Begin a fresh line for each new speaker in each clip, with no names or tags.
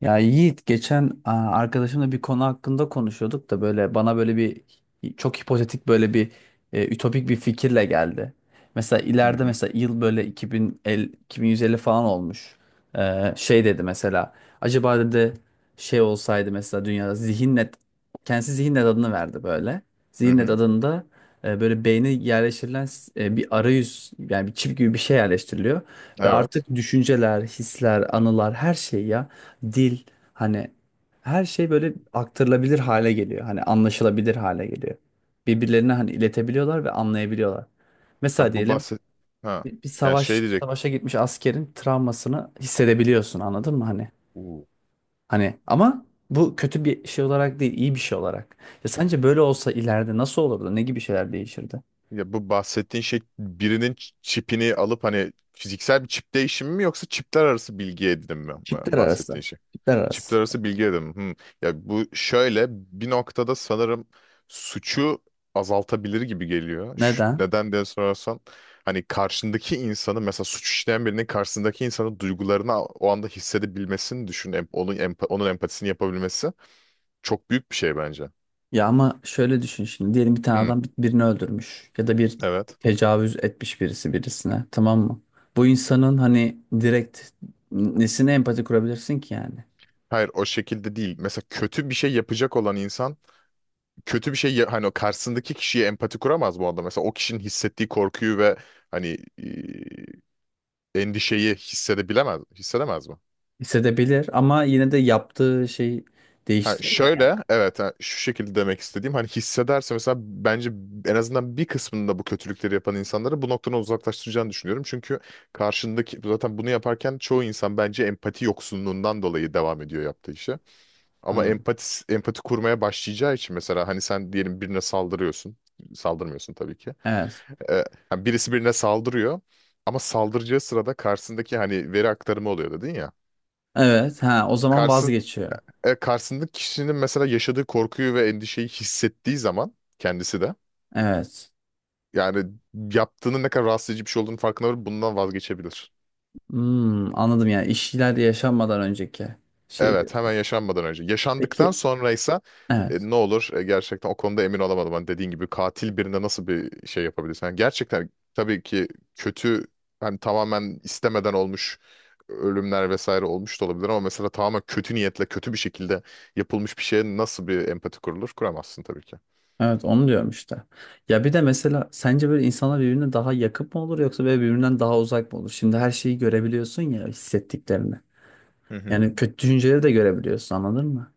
Ya Yiğit geçen arkadaşımla bir konu hakkında konuşuyorduk da böyle bana böyle bir çok hipotetik böyle bir e, ütopik bir fikirle geldi. Mesela
Hı
ileride
hı.
mesela yıl böyle 2050, 2150 falan olmuş. Şey dedi mesela, acaba dedi şey olsaydı mesela dünyada zihinnet, kendisi zihinnet adını verdi böyle.
Hı
Zihinnet
hı.
adında böyle beyne yerleştirilen bir arayüz, yani bir çip gibi bir şey yerleştiriliyor. Ve
Evet.
artık düşünceler, hisler, anılar, her şey ya, dil, hani, her şey böyle aktarılabilir hale geliyor. Hani anlaşılabilir hale geliyor. Birbirlerine hani iletebiliyorlar ve anlayabiliyorlar. Mesela
Ha, bu
diyelim
bahset ha.
bir
Yani
savaş
şey diyecek.
savaşa gitmiş askerin travmasını hissedebiliyorsun, anladın mı hani?
Uu.
Hani ama bu kötü bir şey olarak değil, iyi bir şey olarak. Ya sence böyle olsa ileride nasıl olurdu? Ne gibi şeyler değişirdi?
Ya bu bahsettiğin şey birinin çipini alıp hani fiziksel bir çip değişimi mi yoksa çipler arası bilgi edinim mi bu
Çiftler arası.
bahsettiğin şey?
Çiftler arası.
Çipler arası bilgi edinim. Hı. Ya bu şöyle bir noktada sanırım suçu azaltabilir gibi geliyor.
Neden?
Neden diye sorarsan hani karşındaki insanı mesela suç işleyen birinin karşısındaki insanın duygularını o anda hissedebilmesini düşün. Onun, onun empatisini yapabilmesi. Çok büyük bir şey bence.
Ya ama şöyle düşün şimdi, diyelim bir tane
Hı,
adam birini öldürmüş ya da bir
evet.
tecavüz etmiş birisi birisine, tamam mı? Bu insanın hani direkt nesine empati kurabilirsin ki yani?
Hayır, o şekilde değil. Mesela kötü bir şey yapacak olan insan kötü bir şey hani o karşısındaki kişiye empati kuramaz bu arada. Mesela o kişinin hissettiği korkuyu ve hani endişeyi hissedemez mi?
Hissedebilir ama yine de yaptığı şey
Ha,
değiştirir mi yani?
şöyle evet, ha, şu şekilde demek istediğim hani hissederse mesela bence en azından bir kısmında bu kötülükleri yapan insanları bu noktadan uzaklaştıracağını düşünüyorum. Çünkü karşındaki zaten bunu yaparken çoğu insan bence empati yoksunluğundan dolayı devam ediyor yaptığı işe. Ama
Hmm.
empati kurmaya başlayacağı için mesela hani sen diyelim birine saldırıyorsun. Saldırmıyorsun tabii ki.
Evet.
Ee, Hani birisi birine saldırıyor ama saldıracağı sırada karşısındaki hani veri aktarımı oluyor dedin ya.
Evet, ha o zaman
Karşısın,
vazgeçiyor.
Karşısındaki kişinin mesela yaşadığı korkuyu ve endişeyi hissettiği zaman kendisi de
Evet.
yani yaptığının ne kadar rahatsız edici bir şey olduğunu farkına varıp bundan vazgeçebilir.
Hmm, anladım, yani işler yaşanmadan önceki şey
Evet,
diyorsun.
hemen yaşanmadan önce. Yaşandıktan
Peki,
sonraysa
evet.
ne olur? Gerçekten o konuda emin olamadım. Hani dediğin gibi katil birine nasıl bir şey yapabilirsin? Yani gerçekten tabii ki kötü, hani tamamen istemeden olmuş ölümler vesaire olmuş da olabilir ama mesela tamamen kötü niyetle kötü bir şekilde yapılmış bir şeye nasıl bir empati kurulur? Kuramazsın tabii ki.
Evet, onu diyorum işte. Ya bir de mesela sence böyle insanlar birbirine daha yakın mı olur yoksa böyle birbirinden daha uzak mı olur? Şimdi her şeyi görebiliyorsun ya, hissettiklerini.
Hı hı.
Yani kötü düşünceleri de görebiliyorsun, anladın mı?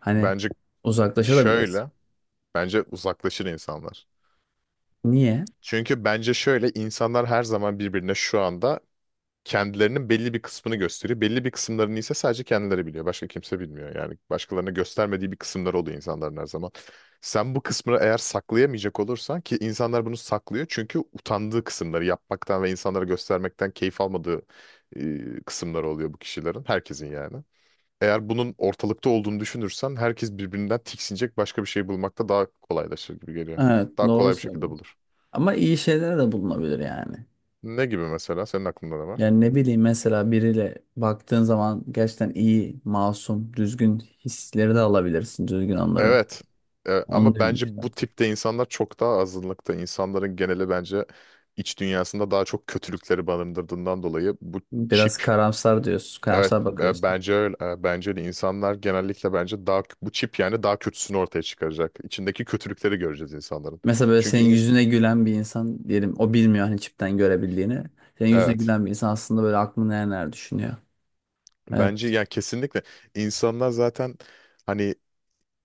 Hani
Bence
uzaklaşabilirsin.
şöyle, bence uzaklaşır insanlar.
Niye?
Çünkü bence şöyle, insanlar her zaman birbirine şu anda kendilerinin belli bir kısmını gösteriyor. Belli bir kısımlarını ise sadece kendileri biliyor. Başka kimse bilmiyor. Yani başkalarına göstermediği bir kısımları oluyor insanların her zaman. Sen bu kısmını eğer saklayamayacak olursan, ki insanlar bunu saklıyor çünkü utandığı kısımları yapmaktan ve insanlara göstermekten keyif almadığı kısımları oluyor bu kişilerin. Herkesin yani. Eğer bunun ortalıkta olduğunu düşünürsen, herkes birbirinden tiksinecek başka bir şey bulmakta daha kolaylaşır gibi geliyor.
Evet,
Daha
doğru
kolay bir şekilde
söylüyorsun.
bulur.
Ama iyi şeyler de bulunabilir yani.
Ne gibi mesela? Senin aklında ne var?
Yani ne bileyim, mesela biriyle baktığın zaman gerçekten iyi, masum, düzgün hisleri de alabilirsin, düzgün anları.
Evet.
Onu
Ama
diyorum işte.
bence bu tipte insanlar çok daha azınlıkta. İnsanların geneli bence iç dünyasında daha çok kötülükleri barındırdığından dolayı bu
Biraz
çip,
karamsar diyorsun,
evet,
karamsar bakıyorsun.
bence öyle. Bence de insanlar genellikle bence daha bu çip yani daha kötüsünü ortaya çıkaracak. İçindeki kötülükleri göreceğiz insanların.
Mesela böyle
Çünkü
senin
ins-
yüzüne gülen bir insan diyelim, o bilmiyor hani çipten görebildiğini. Senin yüzüne
evet,
gülen bir insan aslında böyle aklını neler neler düşünüyor.
bence
Evet.
yani kesinlikle insanlar zaten hani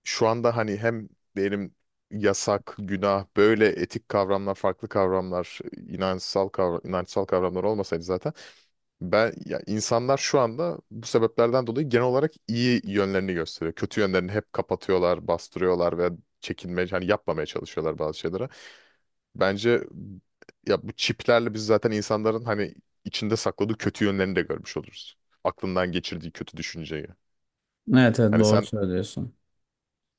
şu anda hani hem diyelim yasak, günah, böyle etik kavramlar, farklı kavramlar, inançsal kavramlar olmasaydı zaten ben ya insanlar şu anda bu sebeplerden dolayı genel olarak iyi yönlerini gösteriyor. Kötü yönlerini hep kapatıyorlar, bastırıyorlar ve çekinmeye, hani yapmamaya çalışıyorlar bazı şeylere. Bence ya bu çiplerle biz zaten insanların hani içinde sakladığı kötü yönlerini de görmüş oluruz. Aklından geçirdiği kötü düşünceyi.
Evet, evet,
Hani
doğru söylüyorsun.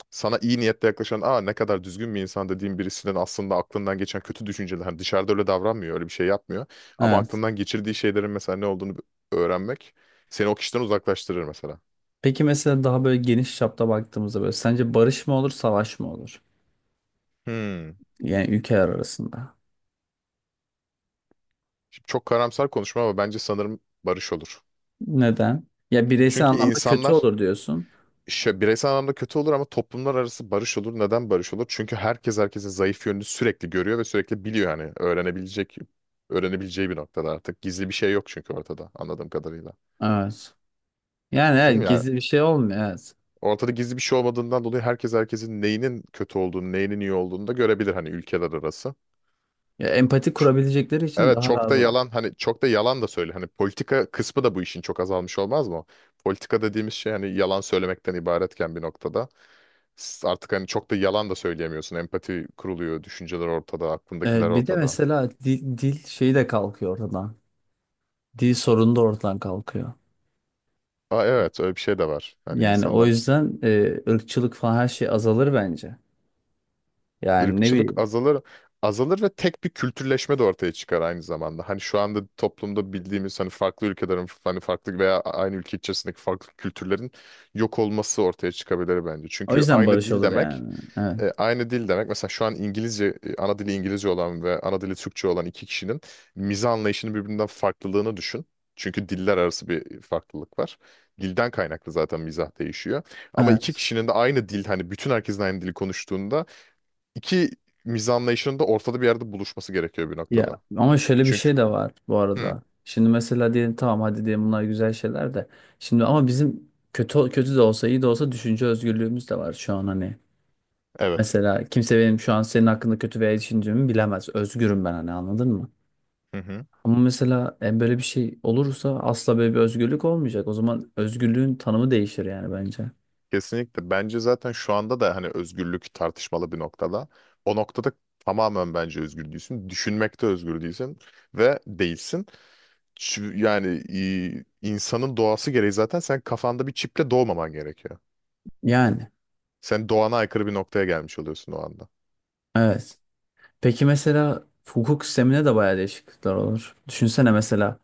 sana iyi niyetle yaklaşan, aa, ne kadar düzgün bir insan dediğin birisinin aslında aklından geçen kötü düşünceler, hani dışarıda öyle davranmıyor, öyle bir şey yapmıyor ama
Evet.
aklından geçirdiği şeylerin mesela ne olduğunu öğrenmek seni o kişiden uzaklaştırır mesela.
Peki mesela daha böyle geniş çapta baktığımızda böyle sence barış mı olur savaş mı olur?
Hmm.
Yani ülkeler arasında.
Şimdi çok karamsar konuşma ama bence sanırım barış olur.
Neden? Ya bireysel
Çünkü
anlamda kötü
insanlar
olur diyorsun.
bireysel anlamda kötü olur ama toplumlar arası barış olur. Neden barış olur? Çünkü herkes herkesin zayıf yönünü sürekli görüyor ve sürekli biliyor, yani öğrenebileceği bir noktada artık. Gizli bir şey yok çünkü ortada, anladığım kadarıyla.
Evet. Yani
Değil
evet,
mi? Yani
gizli bir şey olmuyor, evet.
ortada gizli bir şey olmadığından dolayı herkes herkesin neyinin kötü olduğunu, neyinin iyi olduğunu da görebilir hani, ülkeler arası.
Ya empati
Ç-
kurabilecekleri için
Evet,
daha
çok
rahat
da
olur.
yalan, hani çok da yalan da söyle. Hani politika kısmı da bu işin çok azalmış olmaz mı? Politika dediğimiz şey hani yalan söylemekten ibaretken, bir noktada artık hani çok da yalan da söyleyemiyorsun. Empati kuruluyor, düşünceler ortada,
Evet,
aklındakiler
bir de
ortada.
mesela dil şeyi de kalkıyor ortadan. Dil sorunu da ortadan kalkıyor.
Aa, evet, öyle bir şey de var. Hani
Yani o
insanlar,
yüzden ırkçılık falan her şey azalır bence. Yani ne
ırkçılık
bileyim.
azalır. Azalır ve tek bir kültürleşme de ortaya çıkar aynı zamanda. Hani şu anda toplumda bildiğimiz hani farklı ülkelerin, hani farklı veya aynı ülke içerisindeki farklı kültürlerin yok olması ortaya çıkabilir bence.
O
Çünkü
yüzden barış olur yani. Evet.
aynı dil demek mesela, şu an İngilizce, ana dili İngilizce olan ve ana dili Türkçe olan iki kişinin mizah anlayışının birbirinden farklılığını düşün. Çünkü diller arası bir farklılık var. Dilden kaynaklı zaten mizah değişiyor. Ama iki
Evet.
kişinin de aynı dil, hani bütün herkesin aynı dili konuştuğunda İki mizah anlayışının da ortada bir yerde buluşması gerekiyor bir
Ya
noktada.
ama şöyle bir
Çünkü
şey de var bu
Hı,
arada. Şimdi mesela diyelim, tamam hadi diyelim bunlar güzel şeyler de. Şimdi ama bizim kötü kötü de olsa iyi de olsa düşünce özgürlüğümüz de var şu an hani.
evet.
Mesela kimse benim şu an senin hakkında kötü veya iyi düşündüğümü bilemez. Özgürüm ben hani, anladın mı?
Hı hı.
Ama mesela böyle bir şey olursa asla böyle bir özgürlük olmayacak. O zaman özgürlüğün tanımı değişir yani bence.
Kesinlikle. Bence zaten şu anda da hani özgürlük tartışmalı bir noktada. O noktada tamamen bence özgür değilsin. Düşünmekte özgür değilsin ve değilsin. Yani insanın doğası gereği zaten sen kafanda bir çiple doğmaman gerekiyor.
Yani.
Sen doğana aykırı bir noktaya gelmiş oluyorsun o anda.
Evet. Peki mesela hukuk sistemine de bayağı değişiklikler olur. Düşünsene mesela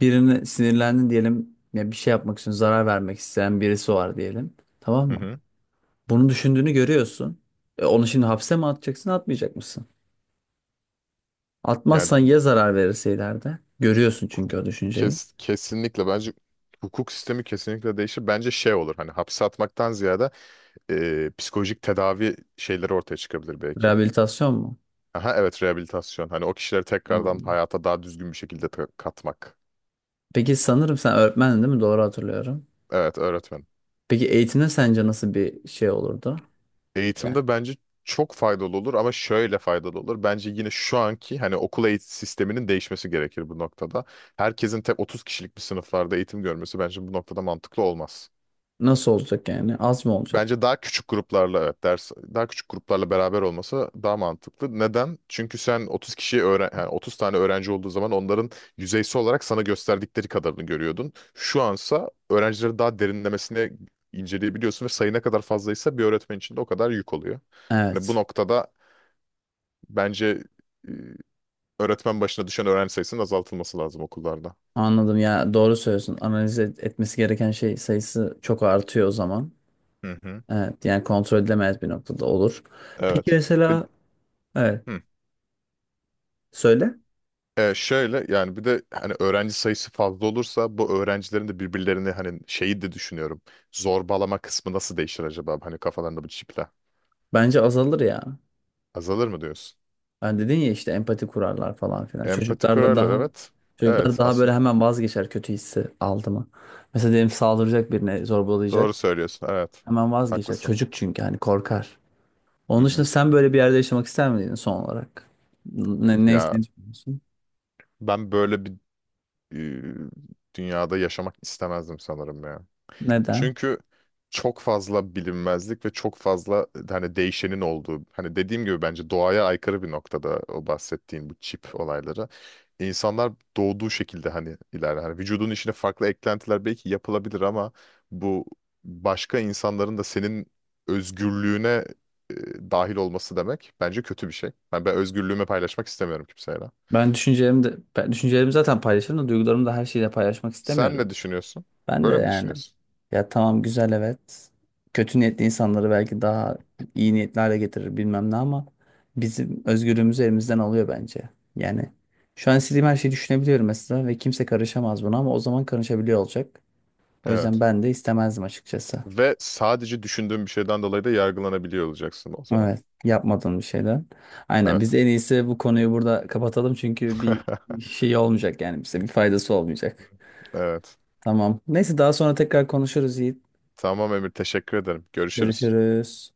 birine sinirlendin diyelim ya, bir şey yapmak için zarar vermek isteyen birisi var diyelim. Tamam
Hı
mı?
hı.
Bunu düşündüğünü görüyorsun. Onu şimdi hapse mi atacaksın, atmayacak mısın?
Yani
Atmazsan ya zarar verirse ileride? Görüyorsun çünkü o düşünceyi.
kesinlikle bence hukuk sistemi kesinlikle değişir. Bence şey olur, hani hapse atmaktan ziyade psikolojik tedavi şeyleri ortaya çıkabilir belki.
Rehabilitasyon mu?
Aha, evet, rehabilitasyon. Hani o kişileri tekrardan
Hmm.
hayata daha düzgün bir şekilde katmak.
Peki sanırım sen öğretmendin, değil mi? Doğru hatırlıyorum.
Evet, öğretmen.
Peki eğitimde sence nasıl bir şey olurdu? Yani
Eğitimde bence çok faydalı olur ama şöyle faydalı olur. Bence yine şu anki hani okul eğitim sisteminin değişmesi gerekir bu noktada. Herkesin tek 30 kişilik bir sınıflarda eğitim görmesi bence bu noktada mantıklı olmaz.
nasıl olacak yani? Az mı olacak?
Bence daha küçük gruplarla, evet, ders daha küçük gruplarla beraber olması daha mantıklı. Neden? Çünkü sen 30 kişiyi öğren, yani 30 tane öğrenci olduğu zaman onların yüzeysel olarak sana gösterdikleri kadarını görüyordun. Şu ansa öğrencileri daha derinlemesine inceleyebiliyorsun ve sayı ne kadar fazlaysa bir öğretmen için de o kadar yük oluyor. Yani bu
Evet.
noktada bence e, öğretmen başına düşen öğrenci sayısının azaltılması lazım okullarda.
Anladım, ya doğru söylüyorsun. Etmesi gereken şey sayısı çok artıyor o zaman.
Hı hı.
Evet yani kontrol edilemez bir noktada olur. Peki
Evet. Bir,
mesela, evet
hı.
söyle.
Şöyle yani, bir de hani öğrenci sayısı fazla olursa bu öğrencilerin de birbirlerini hani şeyi de düşünüyorum. Zorbalama kısmı nasıl değişir acaba? Hani kafalarında bu çiple.
Bence azalır ya.
Azalır mı diyorsun?
Ben dedin ya işte empati kurarlar falan filan.
Empati
Çocuklarda
kurarlar,
daha,
evet.
çocuklar
Evet,
daha böyle
aslında
hemen vazgeçer kötü hissi aldı mı? Mesela diyelim saldıracak birine, zorbalayacak.
doğru söylüyorsun, evet.
Hemen vazgeçer.
Haklısın.
Çocuk çünkü hani korkar.
Hı
Onun dışında
hı.
sen böyle bir yerde yaşamak ister miydin son olarak? Ne
Ya
düşünüyorsun?
ben böyle bir e, dünyada yaşamak istemezdim sanırım ya.
Neden?
Çünkü çok fazla bilinmezlik ve çok fazla hani değişenin olduğu, hani dediğim gibi bence doğaya aykırı bir noktada o bahsettiğin bu çip olayları. İnsanlar doğduğu şekilde hani ilerler. Hani vücudun içine farklı eklentiler belki yapılabilir ama bu başka insanların da senin özgürlüğüne e, dahil olması demek bence kötü bir şey. Yani ben özgürlüğümü paylaşmak istemiyorum kimseyle.
Ben düşüncelerimi zaten paylaşırım da duygularımı da her şeyle paylaşmak
Sen
istemiyorum.
ne düşünüyorsun?
Ben de
Böyle mi
yani,
düşünüyorsun?
ya tamam güzel, evet. Kötü niyetli insanları belki daha iyi niyetli hale getirir bilmem ne ama bizim özgürlüğümüzü elimizden alıyor bence. Yani şu an istediğim her şeyi düşünebiliyorum mesela ve kimse karışamaz buna, ama o zaman karışabiliyor olacak. O yüzden
Evet.
ben de istemezdim açıkçası.
Ve sadece düşündüğün bir şeyden dolayı da yargılanabiliyor olacaksın o zaman.
Evet, yapmadığım bir şeyden. Aynen, biz
Evet.
en iyisi bu konuyu burada kapatalım çünkü bir şey olmayacak yani, bize bir faydası olmayacak.
Evet.
Tamam. Neyse, daha sonra tekrar konuşuruz Yiğit.
Tamam Emir, teşekkür ederim. Görüşürüz.
Görüşürüz.